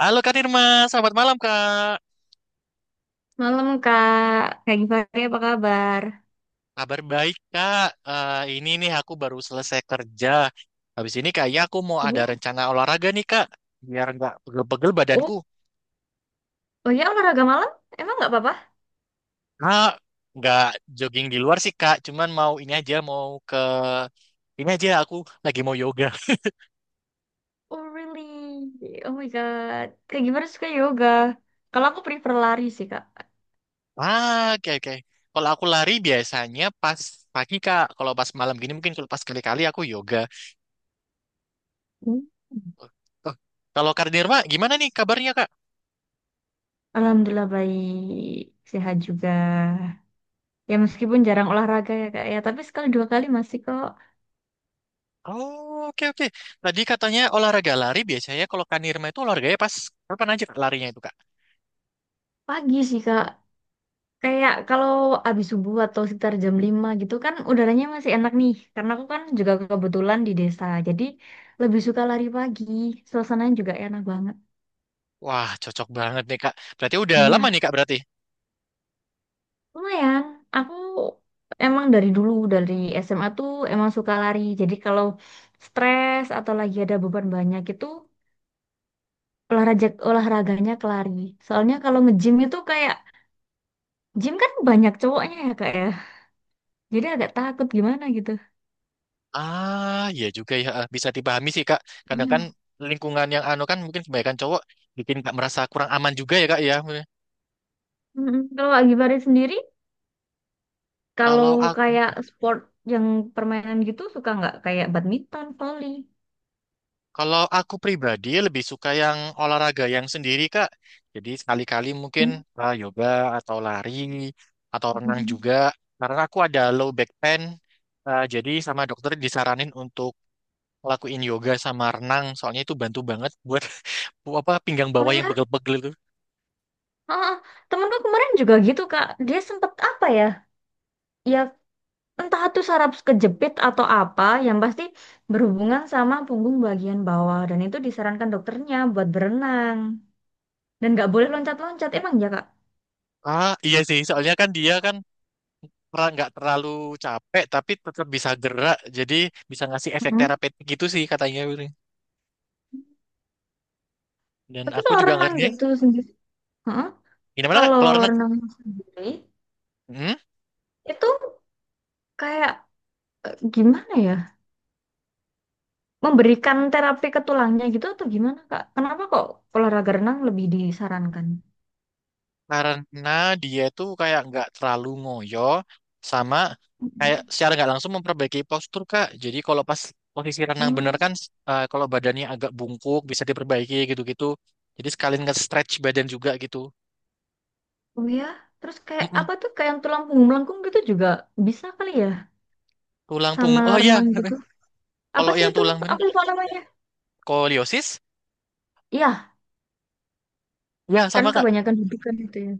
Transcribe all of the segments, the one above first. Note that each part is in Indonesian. Halo Kak Nirma, selamat malam Kak. Malam Kak, Kak Givari apa kabar? Kabar baik Kak. Ini nih aku baru selesai kerja. Habis ini kayaknya aku mau ada Oh. rencana olahraga nih Kak. Biar nggak pegel-pegel Oh, badanku. oh ya, olahraga malam? Emang nggak apa-apa? Kak, nggak jogging di luar sih Kak. Cuman mau ini aja, mau ke... Ini aja aku lagi mau yoga. Oh really? Oh my God, Kak Givari suka yoga. Kalau aku prefer lari sih, Kak. Oke oke. Kalau aku lari biasanya pas pagi Kak. Kalau pas malam gini mungkin kalau pas kali-kali aku yoga. Hmm. Oh, kalau Kak Nirma, gimana nih kabarnya Kak? Alhamdulillah baik, sehat juga. Ya meskipun jarang olahraga ya Kak ya, tapi sekali dua kali masih kok. Oh, oke oke. Tadi katanya olahraga lari biasanya kalau Kanirma itu olahraganya pas kapan aja Kak, larinya itu Kak? Pagi sih, Kak. Kayak kalau habis subuh atau sekitar jam 5 gitu kan udaranya masih enak nih. Karena aku kan juga kebetulan di desa. Jadi lebih suka lari pagi. Suasananya juga enak banget. Wah, cocok banget nih Kak. Berarti udah lama nih Iya, Kak berarti. lumayan. Aku emang dari dulu, dari SMA tuh emang suka lari. Jadi kalau stres atau lagi ada beban banyak itu olahraganya ke lari. Soalnya kalau nge-gym itu kayak gym kan banyak cowoknya ya kak ya. Jadi agak takut gimana gitu. Ah, iya juga ya. Bisa dipahami sih Kak. Kadang kan Iya. lingkungan yang anu kan mungkin kebanyakan cowok bikin Kak merasa kurang aman juga ya Kak ya. Mm-mm. Kalau Kak Givari sendiri, kalau Kalau aku kayak sport yang permainan gitu suka nggak? Kayak badminton, volley. Kalau aku pribadi lebih suka yang olahraga yang sendiri, Kak. Jadi sekali-kali mungkin Hmm. Yoga atau lari atau renang juga. Karena aku ada low back pain, jadi sama dokter disaranin untuk lakuin yoga sama renang. Soalnya itu bantu banget buat apa pinggang Oh bawah ya? yang pegel-pegel itu. Ah, temenku kemarin juga gitu, Kak. Dia sempet apa ya? Ya entah itu saraf kejepit atau apa, yang pasti berhubungan sama punggung bagian bawah. Dan itu disarankan dokternya buat berenang. Dan nggak boleh loncat-loncat. Emang ya, Kak? Ah, iya sih, soalnya kan dia kan pernah nggak terlalu capek tapi tetap bisa gerak. Jadi bisa ngasih efek Mm-mm. terapeutik gitu sih katanya. Willy. Dan Tapi aku kalau juga renang ngerti. gitu sendiri, heeh. Gimana Kak? Kalau Kalau renang? renang sendiri Hmm? itu kayak gimana ya? Memberikan terapi ke tulangnya gitu atau gimana, Kak? Kenapa kok olahraga renang lebih disarankan? Karena dia tuh kayak nggak terlalu ngoyo sama kayak Mm-mm. secara nggak langsung memperbaiki postur Kak. Jadi kalau pas posisi renang bener Hmm, kan kalau badannya agak bungkuk bisa diperbaiki gitu-gitu. Jadi sekalian nge-stretch badan juga gitu. oh oh ya. Terus kayak Mm-mm. apa tuh kayak yang tulang punggung melengkung gitu juga bisa kali ya Tulang sama punggung. Oh ya, renang gitu. Apa kalau sih yang itu? tulang ini Aku lupa namanya. skoliosis Iya, ya kan sama Kak. kebanyakan dudukan itu ya.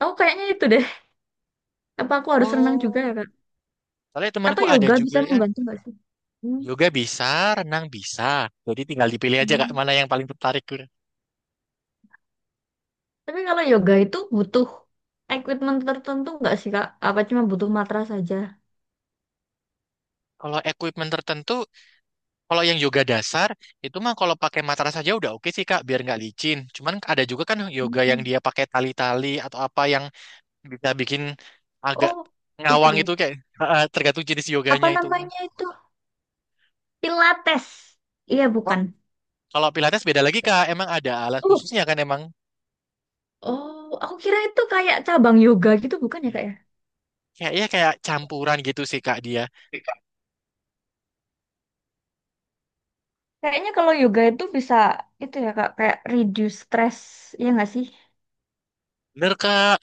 Aku kayaknya itu deh. Apa aku harus renang juga Oh, ya, Kak? soalnya Atau temanku ada yoga bisa juga ya. membantu nggak sih? Hmm. Yoga bisa, renang bisa. Jadi tinggal dipilih aja Kak Hmm. mana yang paling tertarik. Tapi kalau yoga itu butuh equipment tertentu nggak sih, Kak? Apa cuma butuh matras saja? Kalau equipment tertentu kalau yang yoga dasar itu mah kalau pakai matras saja udah oke sih Kak, biar nggak licin. Cuman ada juga kan yoga yang Mm. dia pakai tali-tali atau apa yang bisa bikin agak Oh, ngawang itu itu. kayak tergantung jenis Apa yoganya itu. namanya itu, Pilates? Iya, Oh, bukan. kalau Pilates beda lagi Kak, emang ada alat Oh, khususnya kan emang. oh aku kira itu kayak cabang yoga gitu, bukan ya kak ya? Kayak ya kayak campuran gitu sih Kak dia. Kayaknya kalau yoga itu bisa itu ya kak, kayak reduce stress, ya nggak sih? Bener Kak,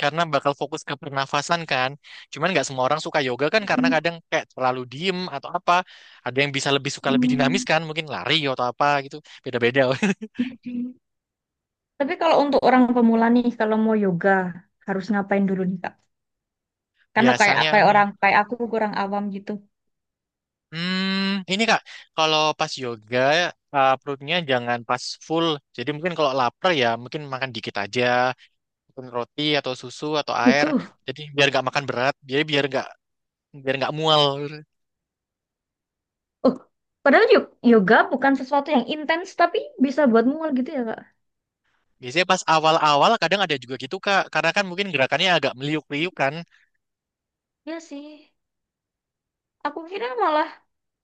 karena bakal fokus ke pernafasan kan. Cuman nggak semua orang suka yoga kan karena Hmm, kadang kayak terlalu diem atau apa. Ada yang bisa lebih suka lebih dinamis hmm, kan, mungkin lari atau apa gitu. Beda-beda. jadi tapi kalau untuk orang pemula nih kalau mau yoga harus ngapain dulu nih kak, karena kayak Biasanya kayak ada. orang kayak aku kurang awam gitu. Hmm, ini Kak, kalau pas yoga perutnya jangan pas full. Jadi mungkin kalau lapar ya mungkin makan dikit aja, mungkin roti atau susu atau air. Butuh. Jadi biar nggak makan berat, jadi biar nggak mual. Oh, padahal yoga bukan sesuatu yang intens tapi bisa buat mual gitu ya kak? Biasanya pas awal-awal kadang ada juga gitu Kak, karena kan mungkin gerakannya agak meliuk-liuk kan. Ya sih, aku kira malah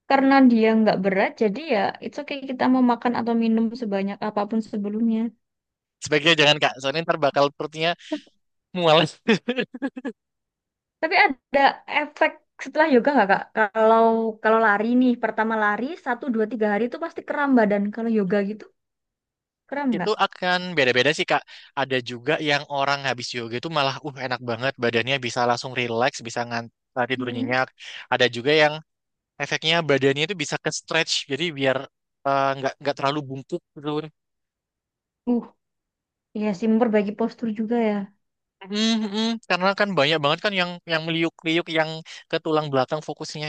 karena dia nggak berat jadi ya it's okay kita mau makan atau minum sebanyak apapun sebelumnya. Sebaiknya jangan Kak, soalnya ntar bakal perutnya mual. Tapi ada efek setelah yoga nggak kak? Kalau kalau lari nih pertama lari 1 2 3 hari itu pasti kram badan, kalau yoga gitu kram Itu nggak? akan beda-beda sih Kak. Ada juga yang orang habis yoga itu malah enak banget badannya bisa langsung relax, bisa tidur Hmm. nyenyak. Ada juga yang efeknya badannya itu bisa ke stretch, jadi biar nggak terlalu bungkuk gitu. Uh, iya sih, memperbaiki postur juga ya. Mm, mm. Karena kan banyak banget kan yang meliuk-liuk yang ke tulang belakang fokusnya.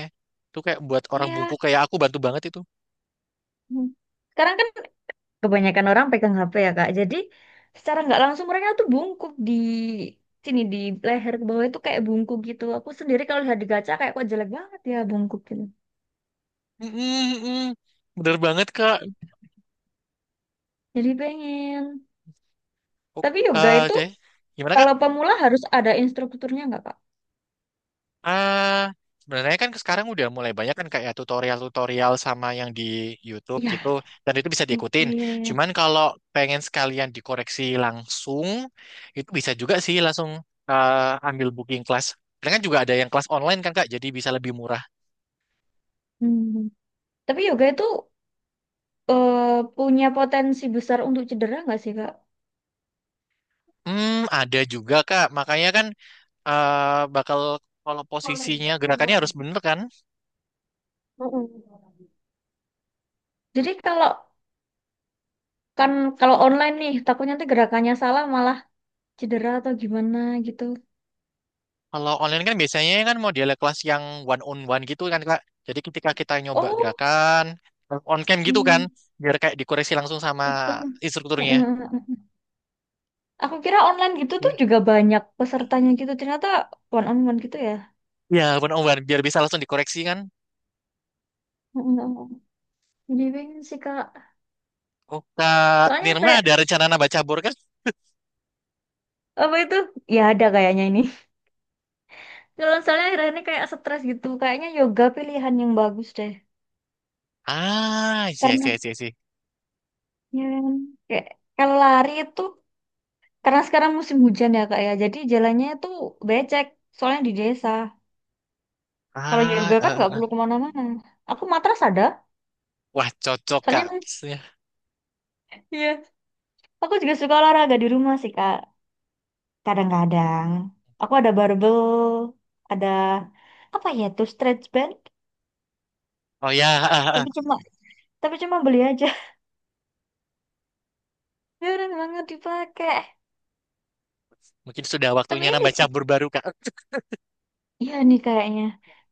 Itu kayak buat orang Iya. bungkuk kayak aku bantu banget itu. Hmm. Sekarang kan kebanyakan orang pegang HP ya Kak. Jadi secara nggak langsung mereka tuh bungkuk di sini, di leher ke bawah itu kayak bungkuk gitu. Aku sendiri kalau lihat di kaca kayak kok jelek banget ya bungkuk gitu. Mm-mm, mm-mm. Bener banget kak. Jadi pengen. Oh, Tapi yoga itu oke, gimana kak? kalau pemula harus ada instrukturnya nggak, Kak? Ah, sebenarnya kan sekarang udah mulai banyak kan kayak tutorial-tutorial sama yang di YouTube gitu, Ya. dan itu bisa Iya, diikutin. iya, iya. Cuman kalau pengen sekalian dikoreksi langsung, itu bisa juga sih langsung eh, ambil booking kelas. Karena kan juga ada yang kelas online kan kak, jadi bisa lebih murah. Hmm. Tapi yoga itu eh, punya potensi besar untuk cedera nggak sih, Kak? Hmm, ada juga kak. Makanya kan eh, bakal kalau posisinya gerakannya harus bener kan? Mm-mm. Jadi kalau kan kalau online nih takutnya nanti gerakannya salah malah cedera atau gimana gitu. Kalau online kan biasanya kan model kelas yang one on one gitu kan Kak. Jadi ketika kita nyoba Oh, gerakan terus on cam gitu kan, hmm, biar kayak dikoreksi langsung sama gitu. Mm, instrukturnya. mm, mm. Aku kira online gitu tuh Iya, juga banyak pesertanya gitu. Ternyata one on one gitu ya. iya, one on one biar bisa langsung dikoreksi kan. Mm, mm, mm. Jadi pengen sih, Kak. Oh Kak Soalnya Nirma kayak ada rencana nambah cabur kan? apa itu? Ya ada kayaknya ini. Kalau soalnya akhir-akhir ini kayak stres gitu, kayaknya yoga pilihan yang bagus deh. Ah, iya Karena iya iya iya. ya, kan, kayak kalau lari itu karena sekarang musim hujan ya kak ya, jadi jalannya itu becek. Soalnya di desa. Kalau Ah, yoga eh, kan eh, nggak perlu eh. kemana-mana. Aku matras ada. Wah cocok Soalnya Kak. kan, iya, aku juga suka olahraga di rumah sih kak. Kadang-kadang aku ada barbel, ada apa ya tuh stretch band. Oh ya, eh, eh, eh. Tapi cuma tapi cuma beli aja, jarang banget dipakai. Mungkin sudah Tapi waktunya ini nambah sih, cabur baru Kak. iya nih kayaknya.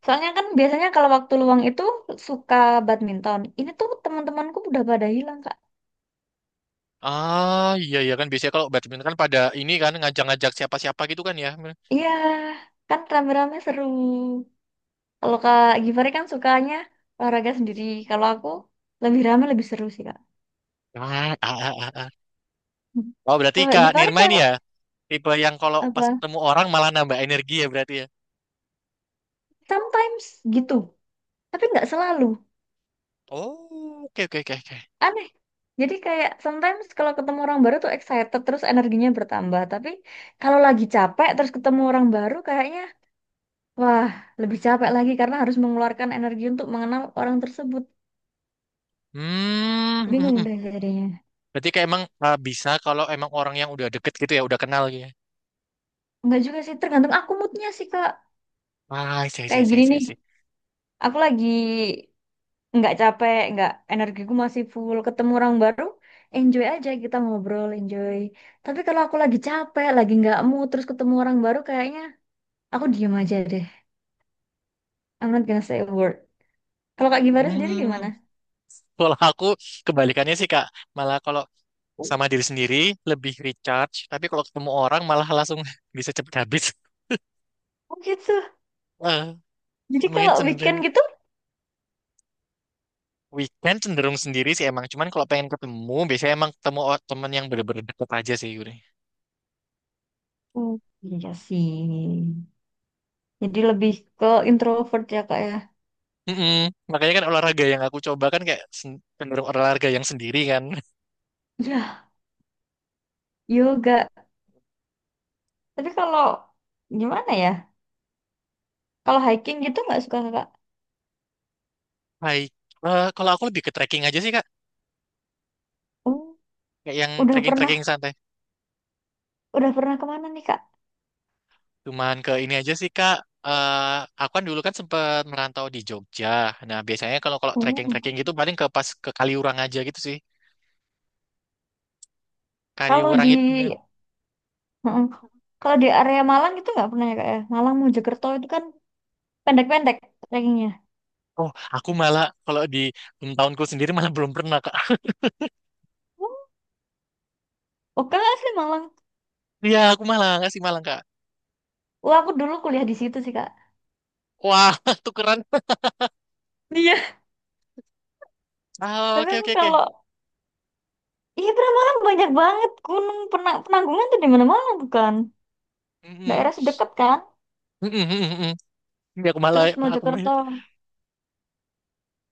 Soalnya kan biasanya kalau waktu luang itu suka badminton. Ini tuh teman-temanku udah pada hilang, Kak. Ah iya iya kan biasanya kalau badminton kan pada ini kan ngajak-ngajak siapa-siapa gitu kan ya. Iya, kan rame-rame seru. Kalau Kak Givari kan sukanya olahraga sendiri. Kalau aku lebih rame, lebih seru sih, Kak. Ah, ah, ah, ah, ah. Hmm. Oh berarti Kalau Kak Kak Givari Nirma ini kalau ya tipe yang kalau pas apa? ketemu orang malah nambah energi ya berarti ya. Sometimes gitu. Tapi nggak selalu. Oh, oke oke oke oke. Aneh. Jadi kayak sometimes kalau ketemu orang baru tuh excited terus energinya bertambah. Tapi kalau lagi capek terus ketemu orang baru kayaknya wah lebih capek lagi karena harus mengeluarkan energi untuk mengenal orang tersebut. Hmm, mm, Bingung mm. deh jadinya. Berarti kayak emang bisa kalau emang orang yang udah deket gitu ya udah kenal gitu ya. Enggak juga sih, tergantung aku moodnya sih Kak. Ah sih sih Kayak sih gini sih nih, sih. aku lagi nggak capek, nggak energiku masih full ketemu orang baru. Enjoy aja kita ngobrol, enjoy. Tapi kalau aku lagi capek, lagi nggak mood, terus ketemu orang baru, kayaknya aku diem aja deh. I'm not gonna say a word. Kalau Kak Gimana sendiri Hmm, gimana? kalau aku kebalikannya sih Kak, malah kalau Oh sama diri sendiri lebih recharge tapi kalau ketemu orang malah langsung bisa cepet habis. gitu. Eh, Jadi mungkin kalau weekend cenderung gitu? weekend cenderung sendiri sih emang, cuman kalau pengen ketemu biasanya emang ketemu temen yang bener-bener deket aja sih Yuri. Hmm, iya sih. Jadi lebih ke introvert ya Kak ya. Mm-mm. Makanya kan olahraga yang aku coba kan kayak cenderung olahraga yang sendiri kan. Ya, yoga. Tapi kalau gimana ya? Kalau hiking gitu nggak suka Kak? Hai, kalau aku lebih ke trekking aja sih Kak, Oh, kayak yang udah pernah, trekking-trekking santai. udah pernah kemana nih Kak? Cuman ke ini aja sih Kak. Eh, aku kan dulu kan sempat merantau di Jogja. Nah biasanya kalau kalau trekking-trekking Oh, gitu paling ke pas ke Kaliurang aja gitu sih. kalau di Kaliurang itu. heeh. Kalau di area Malang itu nggak pernah ya Kak ya? Malang Mojokerto itu kan pendek-pendek trekkingnya. Oh, aku malah kalau di tahunku sendiri malah belum pernah Kak. Oh, oke nggak sih Malang? Iya, aku malah nggak sih malang Kak. Wah, aku dulu kuliah di situ sih Kak. Wah, tukeran. Iya, Ah, tapi oke aku oke oke. kalau iya pernah, malam banyak banget gunung penanggungan tuh di mana-mana, bukan Mm-mm. daerah sedekat kan, Mm-mm, mm-mm, mm-mm. Ini aku malah terus aku Mojokerto,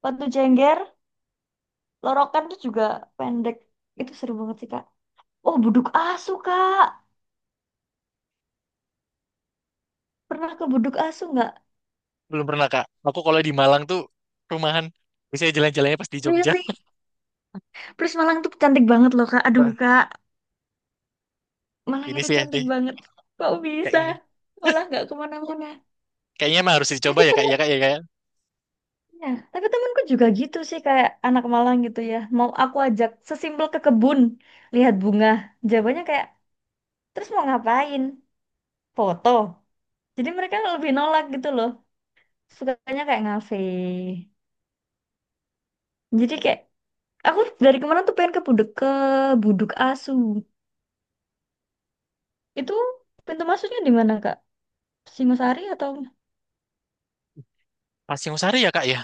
Batu Jengger, Lorokan tuh juga pendek, itu seru banget sih kak. Oh, Buduk Asu kak, pernah ke Buduk Asu nggak? belum pernah, Kak. Aku kalau di Malang tuh rumahan. Biasanya jalan-jalannya pas di Jogja. Really? Terus Malang tuh cantik banget loh kak, aduh Wah, kak, Malang ini itu sih cantik deh banget, kok kayak bisa gini. malah nggak kemana-mana. Kayaknya mah harus dicoba Tapi ya, Kak. Ya, temennya, Kak, ya, Kak. tapi temenku juga gitu sih kayak anak Malang gitu ya, mau aku ajak sesimpel ke kebun lihat bunga jawabannya kayak, terus mau ngapain? Foto. Jadi mereka lebih nolak gitu loh. Sukanya kayak ngafe. Jadi kayak aku dari kemarin tuh pengen ke Budek ke Buduk Asu. Itu pintu masuknya di mana, Kak? Singosari atau Pasir Sari ya, Kak, ya.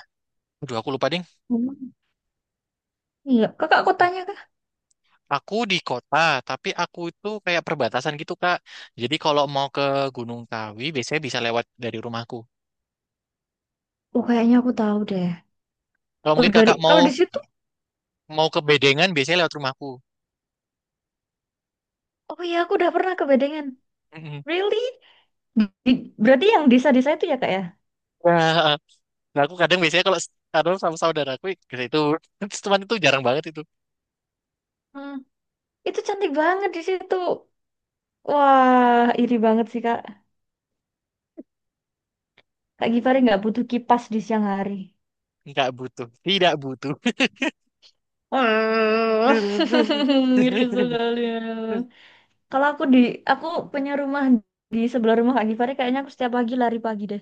Aduh, aku lupa, ding. memang. Iya, Kakak aku Hmm. tanya Kak. Aku di kota, tapi aku itu kayak perbatasan gitu, Kak. Jadi kalau mau ke Gunung Kawi, biasanya bisa lewat dari rumahku. Oh, kayaknya aku tahu deh. Kalau Oh, mungkin dari Kakak mau kalau di situ, mau ke Bedengan, biasanya lewat rumahku. oh iya aku udah pernah ke Bedengan. Mm-mm. Really? Di- berarti yang desa-desa itu ya, Kak ya? Nah, nah, aku kadang biasanya kadang sama saudaraku ke situ, terus teman itu jarang banget itu. Hmm. Itu cantik banget di situ. Wah, iri banget sih, Kak. Kak Givari nggak butuh kipas di siang hari. Nggak butuh, tidak butuh. Ah, Tapi ngiri sekali. Kalau aku di, aku punya rumah di sebelah rumah Kak Givari, kayaknya aku setiap pagi lari pagi deh.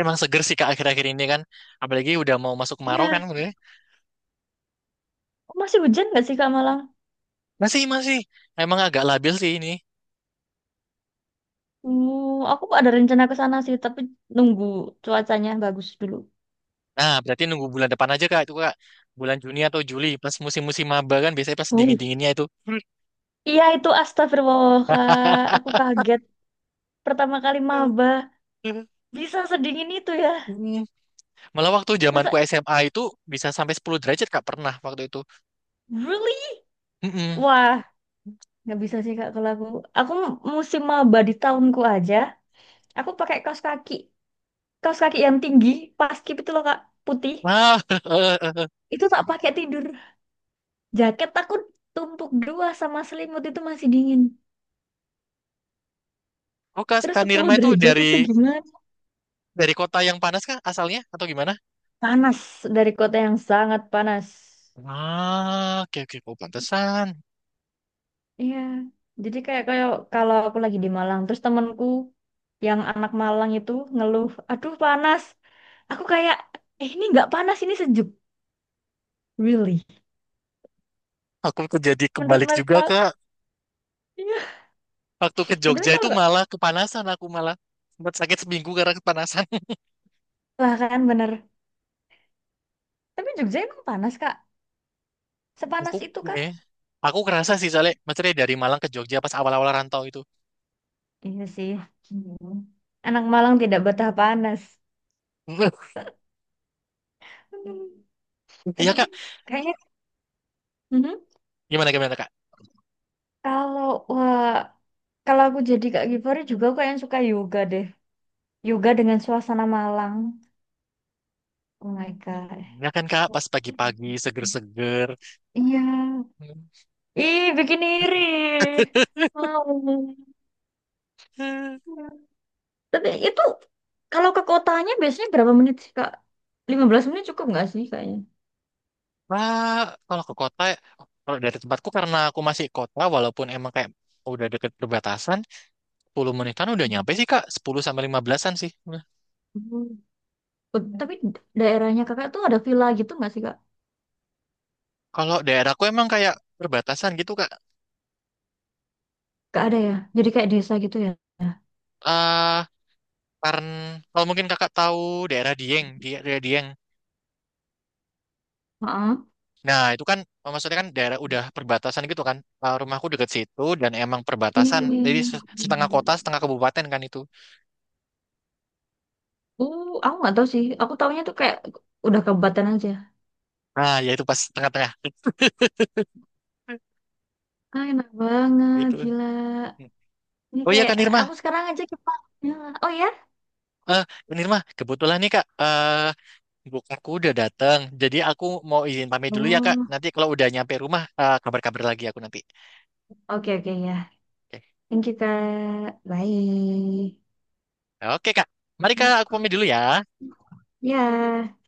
emang seger sih kak akhir-akhir ini kan, apalagi udah mau masuk kemarau kan, Iya. bener ya? Oh, masih hujan nggak sih Kak Malang? Masih masih, emang agak labil sih ini. Aku ada rencana ke sana sih, tapi nunggu cuacanya bagus dulu. Nah berarti nunggu bulan depan aja kak itu kak, bulan Juni atau Juli pas musim-musim maba kan biasanya pas Oh. dingin-dinginnya itu. Iya itu astagfirullah Kak, aku kaget. Pertama kali maba bisa sedingin itu ya. Mm. Malah waktu zamanku Masa SMA itu bisa sampai 10 derajat kak pernah waktu itu. really? Mm-mm. Wah, nggak bisa sih kak kalau aku musim maba di tahunku aja aku pakai kaos kaki, kaos kaki yang tinggi, paskib itu loh kak, putih, Wah, itu tak pakai tidur, jaket aku tumpuk dua sama selimut itu masih dingin. oh kak, Terus Kak 10 Nirma itu derajat itu gimana? dari kota yang panas kak asalnya atau gimana? Panas. Dari kota yang sangat panas. Ah, oke oke, oh, pantesan. Iya, jadi kayak kayak kalau aku lagi di Malang terus temanku yang anak Malang itu ngeluh aduh panas, aku kayak eh ini nggak panas, ini sejuk, really, Aku tuh jadi menurut kebalik juga mereka. Kak. Iya. Waktu ke Ya, tapi Jogja itu kalau malah kepanasan aku malah sempat sakit seminggu karena kepanasan. lah kan bener. Tapi Jogja emang panas Kak. Sepanas itu Aku kah? ini aku kerasa sih soalnya maksudnya dari Malang ke Jogja pas awal-awal rantau itu. Iya sih. Hmm. Anak Malang tidak betah panas. Hmm. Eh, Iya tapi Kak, kayaknya mhm, gimana gimana Kak? kalau wah, kalau aku jadi Kak Givari juga aku yang suka yoga deh. Yoga dengan suasana Malang. Oh my God. Ya kan Kak, pas pagi-pagi seger-seger. Iya. Ih, bikin iri. Mau. Iya. Tapi itu kalau ke kotanya biasanya berapa menit sih, Kak? 15 menit cukup nggak sih kayaknya? Nah, kalau ke kota, kalau dari tempatku karena aku masih kota, walaupun emang kayak udah deket perbatasan, 10 menitan udah Hmm. nyampe sih Kak, 10 sampai 15-an sih. Nah, Oh, tapi daerahnya kakak tuh ada villa gitu nggak sih kak? kalau daerahku emang kayak perbatasan gitu Kak. Gak ada ya? Jadi kayak desa gitu ya? eh karena kalau mungkin kakak tahu daerah Dieng, di daerah Dieng. Heeh. Nah, itu kan maksudnya kan daerah udah perbatasan gitu kan. Eh, rumahku deket situ dan emang Iya, perbatasan. iya, Jadi iya. Setengah kota, setengah kabupaten kan itu. Aku nggak tahu sih. Aku taunya tuh kayak udah kabupaten aja. Nah, ya itu pas tengah-tengah Ah, enak banget, gitu. gila. Ini Oh iya kayak Kak Nirma, aku sekarang aja ke Pak. Ya. Oh ya? eh Kak Nirma, kebetulan nih Kak, buku aku udah datang. Jadi aku mau izin pamit dulu ya Kak. Oh, Nanti kalau udah nyampe rumah, kabar-kabar lagi aku nanti. oke oke ya. Oke, Thank you Kak. Bye. oke Kak, mari Kak, aku pamit dulu ya. Ya.